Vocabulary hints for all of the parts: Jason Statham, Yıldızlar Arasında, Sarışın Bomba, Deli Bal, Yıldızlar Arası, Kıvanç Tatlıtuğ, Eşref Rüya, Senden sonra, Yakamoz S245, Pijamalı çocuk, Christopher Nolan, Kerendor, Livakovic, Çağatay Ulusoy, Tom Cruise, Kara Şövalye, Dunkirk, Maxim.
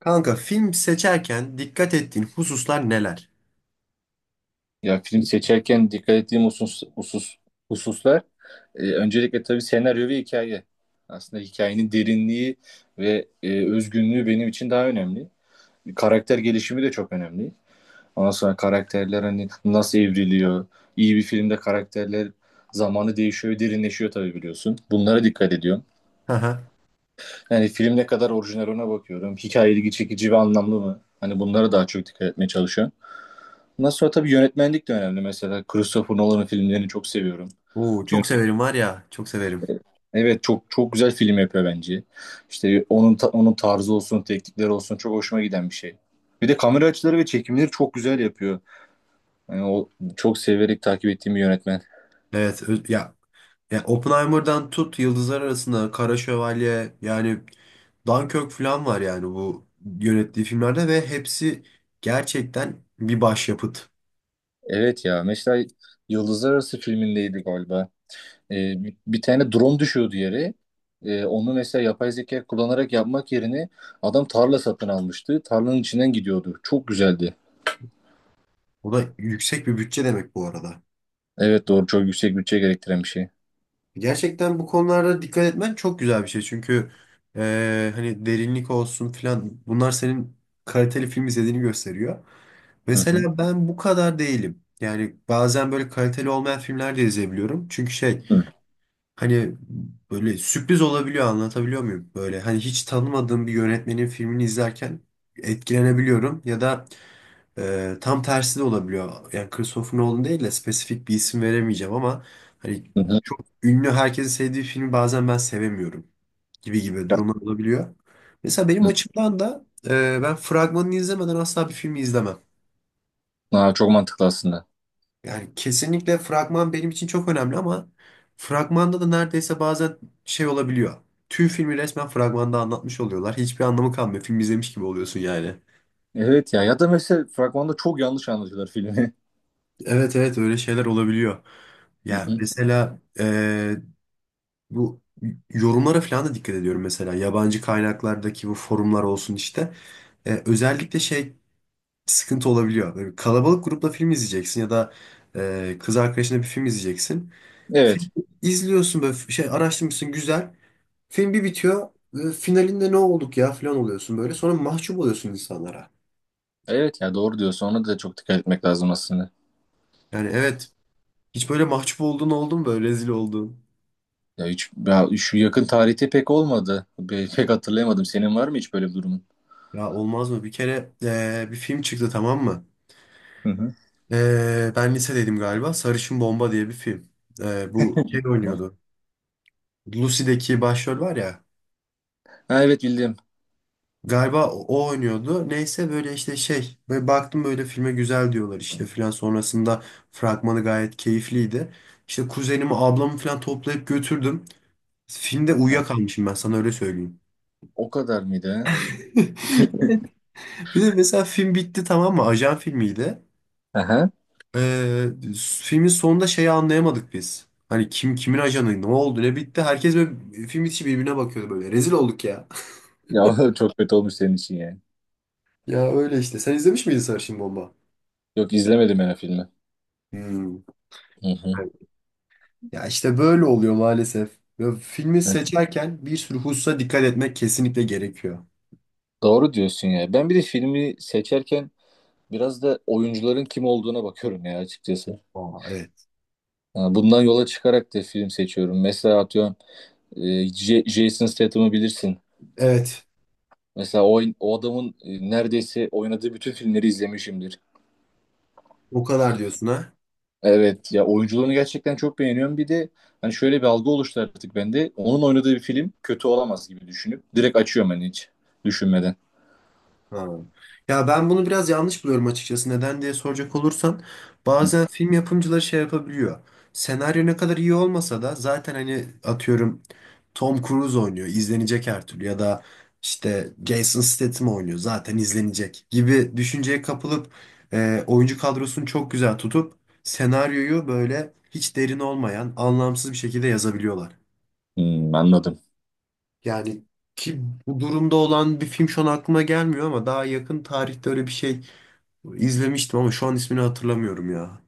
Kanka film seçerken dikkat ettiğin hususlar neler? Ya film seçerken dikkat ettiğim hususlar, öncelikle tabii senaryo ve hikaye. Aslında hikayenin derinliği ve özgünlüğü benim için daha önemli. Karakter gelişimi de çok önemli. Ondan sonra karakterler hani nasıl evriliyor? İyi bir filmde karakterler zamanı değişiyor, derinleşiyor tabii biliyorsun. Bunlara dikkat ediyorum. Haha. Yani film ne kadar orijinal ona bakıyorum. Hikaye ilgi çekici ve anlamlı mı? Hani bunlara daha çok dikkat etmeye çalışıyorum. Ondan sonra tabii yönetmenlik de önemli. Mesela Christopher Nolan'ın filmlerini çok seviyorum. Oo Yön- çok severim var ya, çok severim. Evet, çok çok güzel film yapıyor bence. İşte onun tarzı olsun, teknikleri olsun çok hoşuma giden bir şey. Bir de kamera açıları ve çekimleri çok güzel yapıyor. Yani o çok severek takip ettiğim bir yönetmen. Evet ya Oppenheimer'dan tut Yıldızlar Arasında, Kara Şövalye yani Dunkirk falan var yani bu yönettiği filmlerde ve hepsi gerçekten bir başyapıt. Evet ya, mesela Yıldızlar Arası filmindeydi galiba. Bir tane drone düşüyordu yere. Onu mesela yapay zeka kullanarak yapmak yerine adam tarla satın almıştı. Tarlanın içinden gidiyordu. Çok güzeldi. O da yüksek bir bütçe demek bu arada. Evet doğru, çok yüksek bütçe gerektiren bir şey. Gerçekten bu konularda dikkat etmen çok güzel bir şey. Çünkü hani derinlik olsun filan bunlar senin kaliteli film izlediğini gösteriyor. Hı hı. Mesela ben bu kadar değilim. Yani bazen böyle kaliteli olmayan filmler de izleyebiliyorum. Çünkü şey Hı hani böyle sürpriz olabiliyor anlatabiliyor muyum? Böyle hani hiç tanımadığım bir yönetmenin filmini izlerken etkilenebiliyorum. Ya da tam tersi de olabiliyor. Yani Christopher Nolan değil de spesifik bir isim veremeyeceğim ama hani hı. Hı. çok ünlü herkesin sevdiği filmi bazen ben sevemiyorum gibi gibi Ya, durumlar olabiliyor. Mesela benim hı. açımdan da ben fragmanını izlemeden asla bir filmi izlemem. Aa, çok mantıklı aslında. Yani kesinlikle fragman benim için çok önemli ama fragmanda da neredeyse bazen şey olabiliyor. Tüm filmi resmen fragmanda anlatmış oluyorlar. Hiçbir anlamı kalmıyor. Film izlemiş gibi oluyorsun yani. Evet ya, ya da mesela fragmanda çok yanlış anlatıyorlar filmi. Evet evet öyle şeyler olabiliyor. Hı Yani hı. mesela bu yorumlara falan da dikkat ediyorum mesela. Yabancı kaynaklardaki bu forumlar olsun işte. Özellikle şey sıkıntı olabiliyor. Böyle kalabalık grupla film izleyeceksin ya da kız arkadaşına bir film izleyeceksin. Evet. Film izliyorsun böyle şey araştırmışsın güzel. Film bir bitiyor. Finalinde ne olduk ya falan oluyorsun böyle. Sonra mahcup oluyorsun insanlara. Evet ya doğru diyorsun. Ona da çok dikkat etmek lazım aslında. Yani evet. Hiç böyle mahcup olduğun oldu mu böyle rezil olduğun? Ya hiç, ya şu yakın tarihte pek olmadı. Pek hatırlayamadım. Senin var mı hiç böyle bir durumun? Ya olmaz mı? Bir kere bir film çıktı tamam mı? Hı hı. Ben lisedeydim galiba. Sarışın Bomba diye bir film. Bu şey oynuyordu. Lucy'deki başrol var ya. Ha, evet bildim. Galiba o oynuyordu. Neyse böyle işte şey. Böyle baktım böyle filme güzel diyorlar işte filan. Sonrasında fragmanı gayet keyifliydi. İşte kuzenimi ablamı filan toplayıp götürdüm. Filmde Ha, uyuyakalmışım ben sana öyle söyleyeyim. o kadar mıydı? Ha? Bir de mesela film bitti tamam mı? Ajan filmiydi. Aha. Ee, filmin sonunda şeyi anlayamadık biz. Hani kim kimin ajanı ne oldu ne bitti. Herkes böyle film içi birbirine bakıyordu böyle. Rezil olduk ya. Ya çok kötü olmuş senin için yani. Ya öyle işte. Sen izlemiş miydin Sarışın Bomba? Yok, izlemedim ben o filmi. Hmm. Hı hı. Evet. Ya işte böyle oluyor maalesef. Ya filmi Evet. seçerken bir sürü hususa dikkat etmek kesinlikle gerekiyor. Doğru diyorsun ya. Ben bir de filmi seçerken biraz da oyuncuların kim olduğuna bakıyorum ya açıkçası. Aa, evet. Yani bundan yola çıkarak da film seçiyorum. Mesela atıyorum, Jason Statham'ı bilirsin. Evet. Mesela o adamın, neredeyse oynadığı bütün filmleri izlemişimdir. O kadar diyorsun ha. Evet ya, oyunculuğunu gerçekten çok beğeniyorum. Bir de hani şöyle bir algı oluştu artık bende. Onun oynadığı bir film kötü olamaz gibi düşünüp direkt açıyorum, hani hiç düşünmeden. Ha. Ya ben bunu biraz yanlış buluyorum açıkçası. Neden diye soracak olursan bazen film yapımcıları şey yapabiliyor. Senaryo ne kadar iyi olmasa da zaten hani atıyorum Tom Cruise oynuyor izlenecek her türlü ya da işte Jason Statham oynuyor zaten izlenecek gibi düşünceye kapılıp oyuncu kadrosunu çok güzel tutup senaryoyu böyle hiç derin olmayan anlamsız bir şekilde yazabiliyorlar. Hmm, anladım. Yani ki bu durumda olan bir film şu an aklıma gelmiyor ama daha yakın tarihte öyle bir şey İzlemiştim ama şu an ismini hatırlamıyorum ya.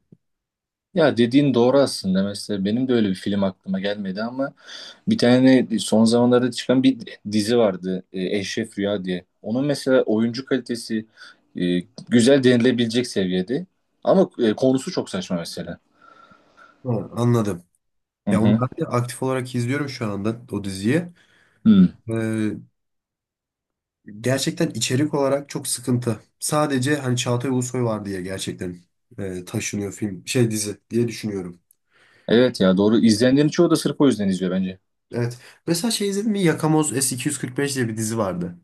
Ya dediğin doğru aslında. Mesela benim de öyle bir film aklıma gelmedi ama bir tane son zamanlarda çıkan bir dizi vardı, Eşref Rüya diye. Onun mesela oyuncu kalitesi e, güzel denilebilecek seviyede. Ama, konusu çok saçma mesela. Ha, anladım. Hı Ya onu hı. ben de aktif olarak izliyorum şu anda o diziyi. Hı. Ee, gerçekten içerik olarak çok sıkıntı. Sadece hani Çağatay Ulusoy var diye gerçekten taşınıyor film şey dizi diye düşünüyorum. Evet ya doğru. İzleyenlerin çoğu da sırf o yüzden izliyor bence. Evet. Mesela şey izledim mi? Yakamoz S245 diye bir dizi vardı.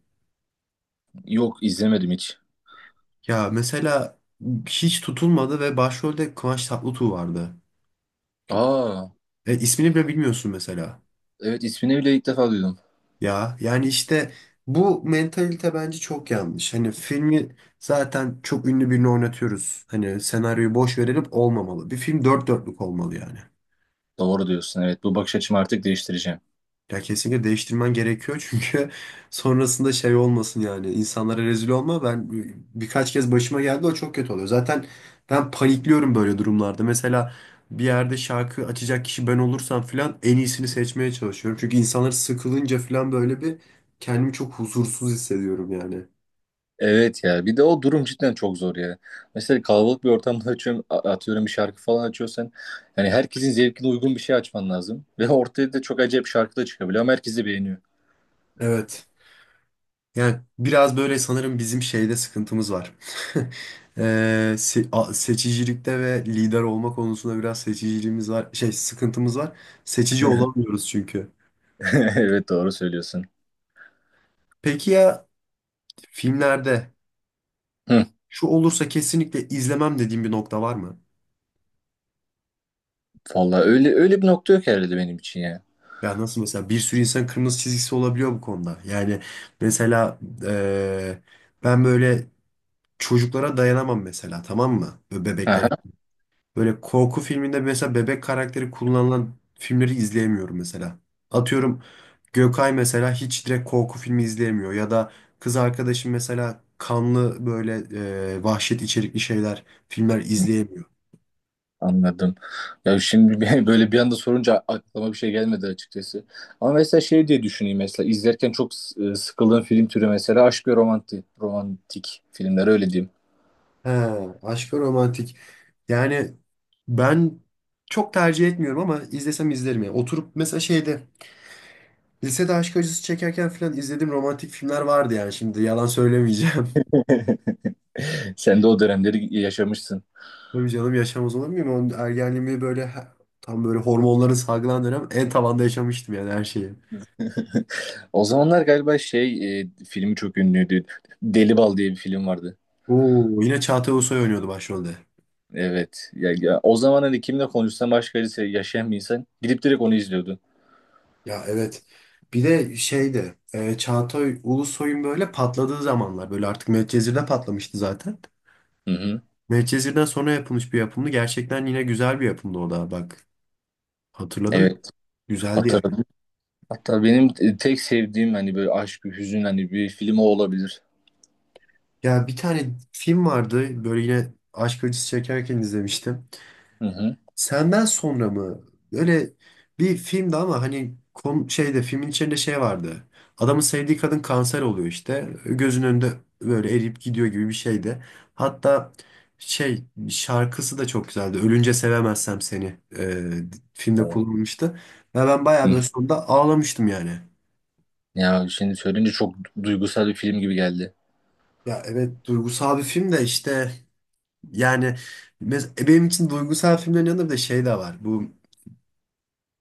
Yok, izlemedim hiç. Ya mesela hiç tutulmadı ve başrolde Kıvanç Tatlıtuğ vardı. Aa, İsmini bile bilmiyorsun mesela. evet, ismini bile ilk defa duydum. Ya yani işte bu mentalite bence çok yanlış. Hani filmi zaten çok ünlü birini oynatıyoruz. Hani senaryoyu boş verelim olmamalı. Bir film dört dörtlük olmalı yani. Doğru diyorsun, evet, bu bakış açımı artık değiştireceğim. Ya kesinlikle değiştirmen gerekiyor çünkü sonrasında şey olmasın yani insanlara rezil olma. Ben birkaç kez başıma geldi o çok kötü oluyor. Zaten ben panikliyorum böyle durumlarda. Mesela bir yerde şarkı açacak kişi ben olursam filan en iyisini seçmeye çalışıyorum. Çünkü insanlar sıkılınca filan böyle bir kendimi çok huzursuz hissediyorum yani. Evet ya, bir de o durum cidden çok zor ya. Mesela kalabalık bir ortamda açıyorum, atıyorum bir şarkı falan açıyorsan yani herkesin zevkine uygun bir şey açman lazım. Ve ortaya da çok acayip şarkı da çıkabiliyor ama herkes de beğeniyor. Evet. Yani biraz böyle sanırım bizim şeyde sıkıntımız var. Seçicilikte ve lider olma konusunda biraz seçiciliğimiz var. Şey sıkıntımız var. Seçici olamıyoruz çünkü. Evet doğru söylüyorsun. Peki ya filmlerde Hı, şu olursa kesinlikle izlemem dediğim bir nokta var mı? vallahi öyle bir nokta yok herhalde benim için ya. Ya nasıl mesela bir sürü insan kırmızı çizgisi olabiliyor bu konuda. Yani mesela ee, ben böyle çocuklara dayanamam mesela tamam mı? Böyle bebeklere Aha, böyle korku filminde mesela bebek karakteri kullanılan filmleri izleyemiyorum mesela. Atıyorum Gökay mesela hiç direkt korku filmi izleyemiyor ya da kız arkadaşım mesela kanlı böyle vahşet içerikli şeyler, filmler izleyemiyor. anladım. Ya böyle bir anda sorunca aklıma bir şey gelmedi açıkçası. Ama mesela şey diye düşüneyim, mesela izlerken çok sıkıldığım film türü mesela aşk ve romantik filmler öyle diyeyim. He, aşkı romantik. Yani ben çok tercih etmiyorum ama izlesem izlerim yani. Oturup mesela şeyde lisede aşk acısı çekerken falan izlediğim romantik filmler vardı yani şimdi yalan söylemeyeceğim. Sen de o dönemleri yaşamışsın. Tabii canım yaşamaz olur muyum? Onun ergenliğimi böyle tam böyle hormonların salgılan dönem en tavanda yaşamıştım yani her şeyi. O zamanlar galiba filmi çok ünlüydü. Deli Bal diye bir film vardı. Oo, yine Çağatay Ulusoy oynuyordu başrolde. Evet. Ya o zaman hani kimle konuşsam başka birisi, yaşayan bir insan gidip direkt onu izliyordu. Ya evet. Bir de şeydi Çağatay Ulusoy'un böyle patladığı zamanlar böyle artık Medcezir'de patlamıştı zaten. Hı hı. Medcezir'den sonra yapılmış bir yapımdı. Gerçekten yine güzel bir yapımdı o da bak. Hatırladım. Evet. Güzeldi yani. Hatırladım. Hatta benim, tek sevdiğim hani böyle aşk, bir hüzün hani, bir film o olabilir. Ya bir tane film vardı böyle yine aşk acısı çekerken izlemiştim. Hı hı. Senden sonra mı? Böyle bir filmdi ama hani kom şeyde filmin içinde şey vardı. Adamın sevdiği kadın kanser oluyor işte. Gözünün önünde böyle eriyip gidiyor gibi bir şeydi. Hatta şey şarkısı da çok güzeldi. Ölünce sevemezsem seni filmde Hı kullanılmıştı. Ve ben bayağı böyle hı. sonunda ağlamıştım yani. Ya şimdi söyleyince çok duygusal bir film gibi geldi. Ya evet duygusal bir film de işte yani benim için duygusal filmlerin yanında bir de şey de var. Bu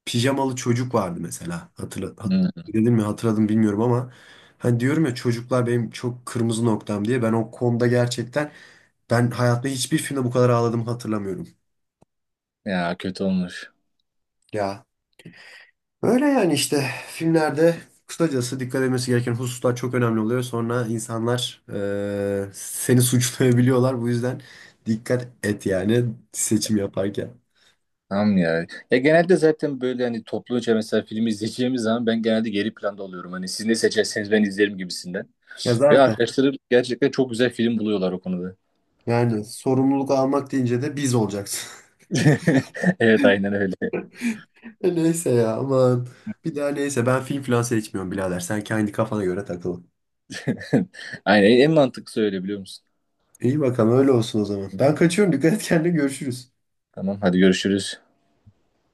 Pijamalı Çocuk vardı mesela. Hı. Dedim mi hatırladım bilmiyorum ama hani diyorum ya çocuklar benim çok kırmızı noktam diye ben o konuda gerçekten ben hayatımda hiçbir filmde bu kadar ağladığımı hatırlamıyorum. Ya kötü olmuş. Ya öyle yani işte filmlerde kısacası dikkat edilmesi gereken hususlar çok önemli oluyor. Sonra insanlar seni suçlayabiliyorlar. Bu yüzden dikkat et yani seçim yaparken. Tamam ya. Ya genelde zaten böyle hani topluca mesela film izleyeceğimiz zaman ben genelde geri planda oluyorum. Hani siz ne seçerseniz ben izlerim gibisinden. Ya Ve zaten arkadaşlarım gerçekten çok güzel film buluyorlar o konuda. yani sorumluluk almak deyince de biz olacaksın. Evet, aynen öyle. E neyse ya aman. Bir daha neyse ben film falan seçmiyorum birader. Sen kendi kafana göre takıl. Aynen, en mantıklısı öyle, biliyor musun? İyi bakalım öyle olsun o zaman. Ben kaçıyorum. Dikkat et kendine görüşürüz. Tamam hadi, görüşürüz.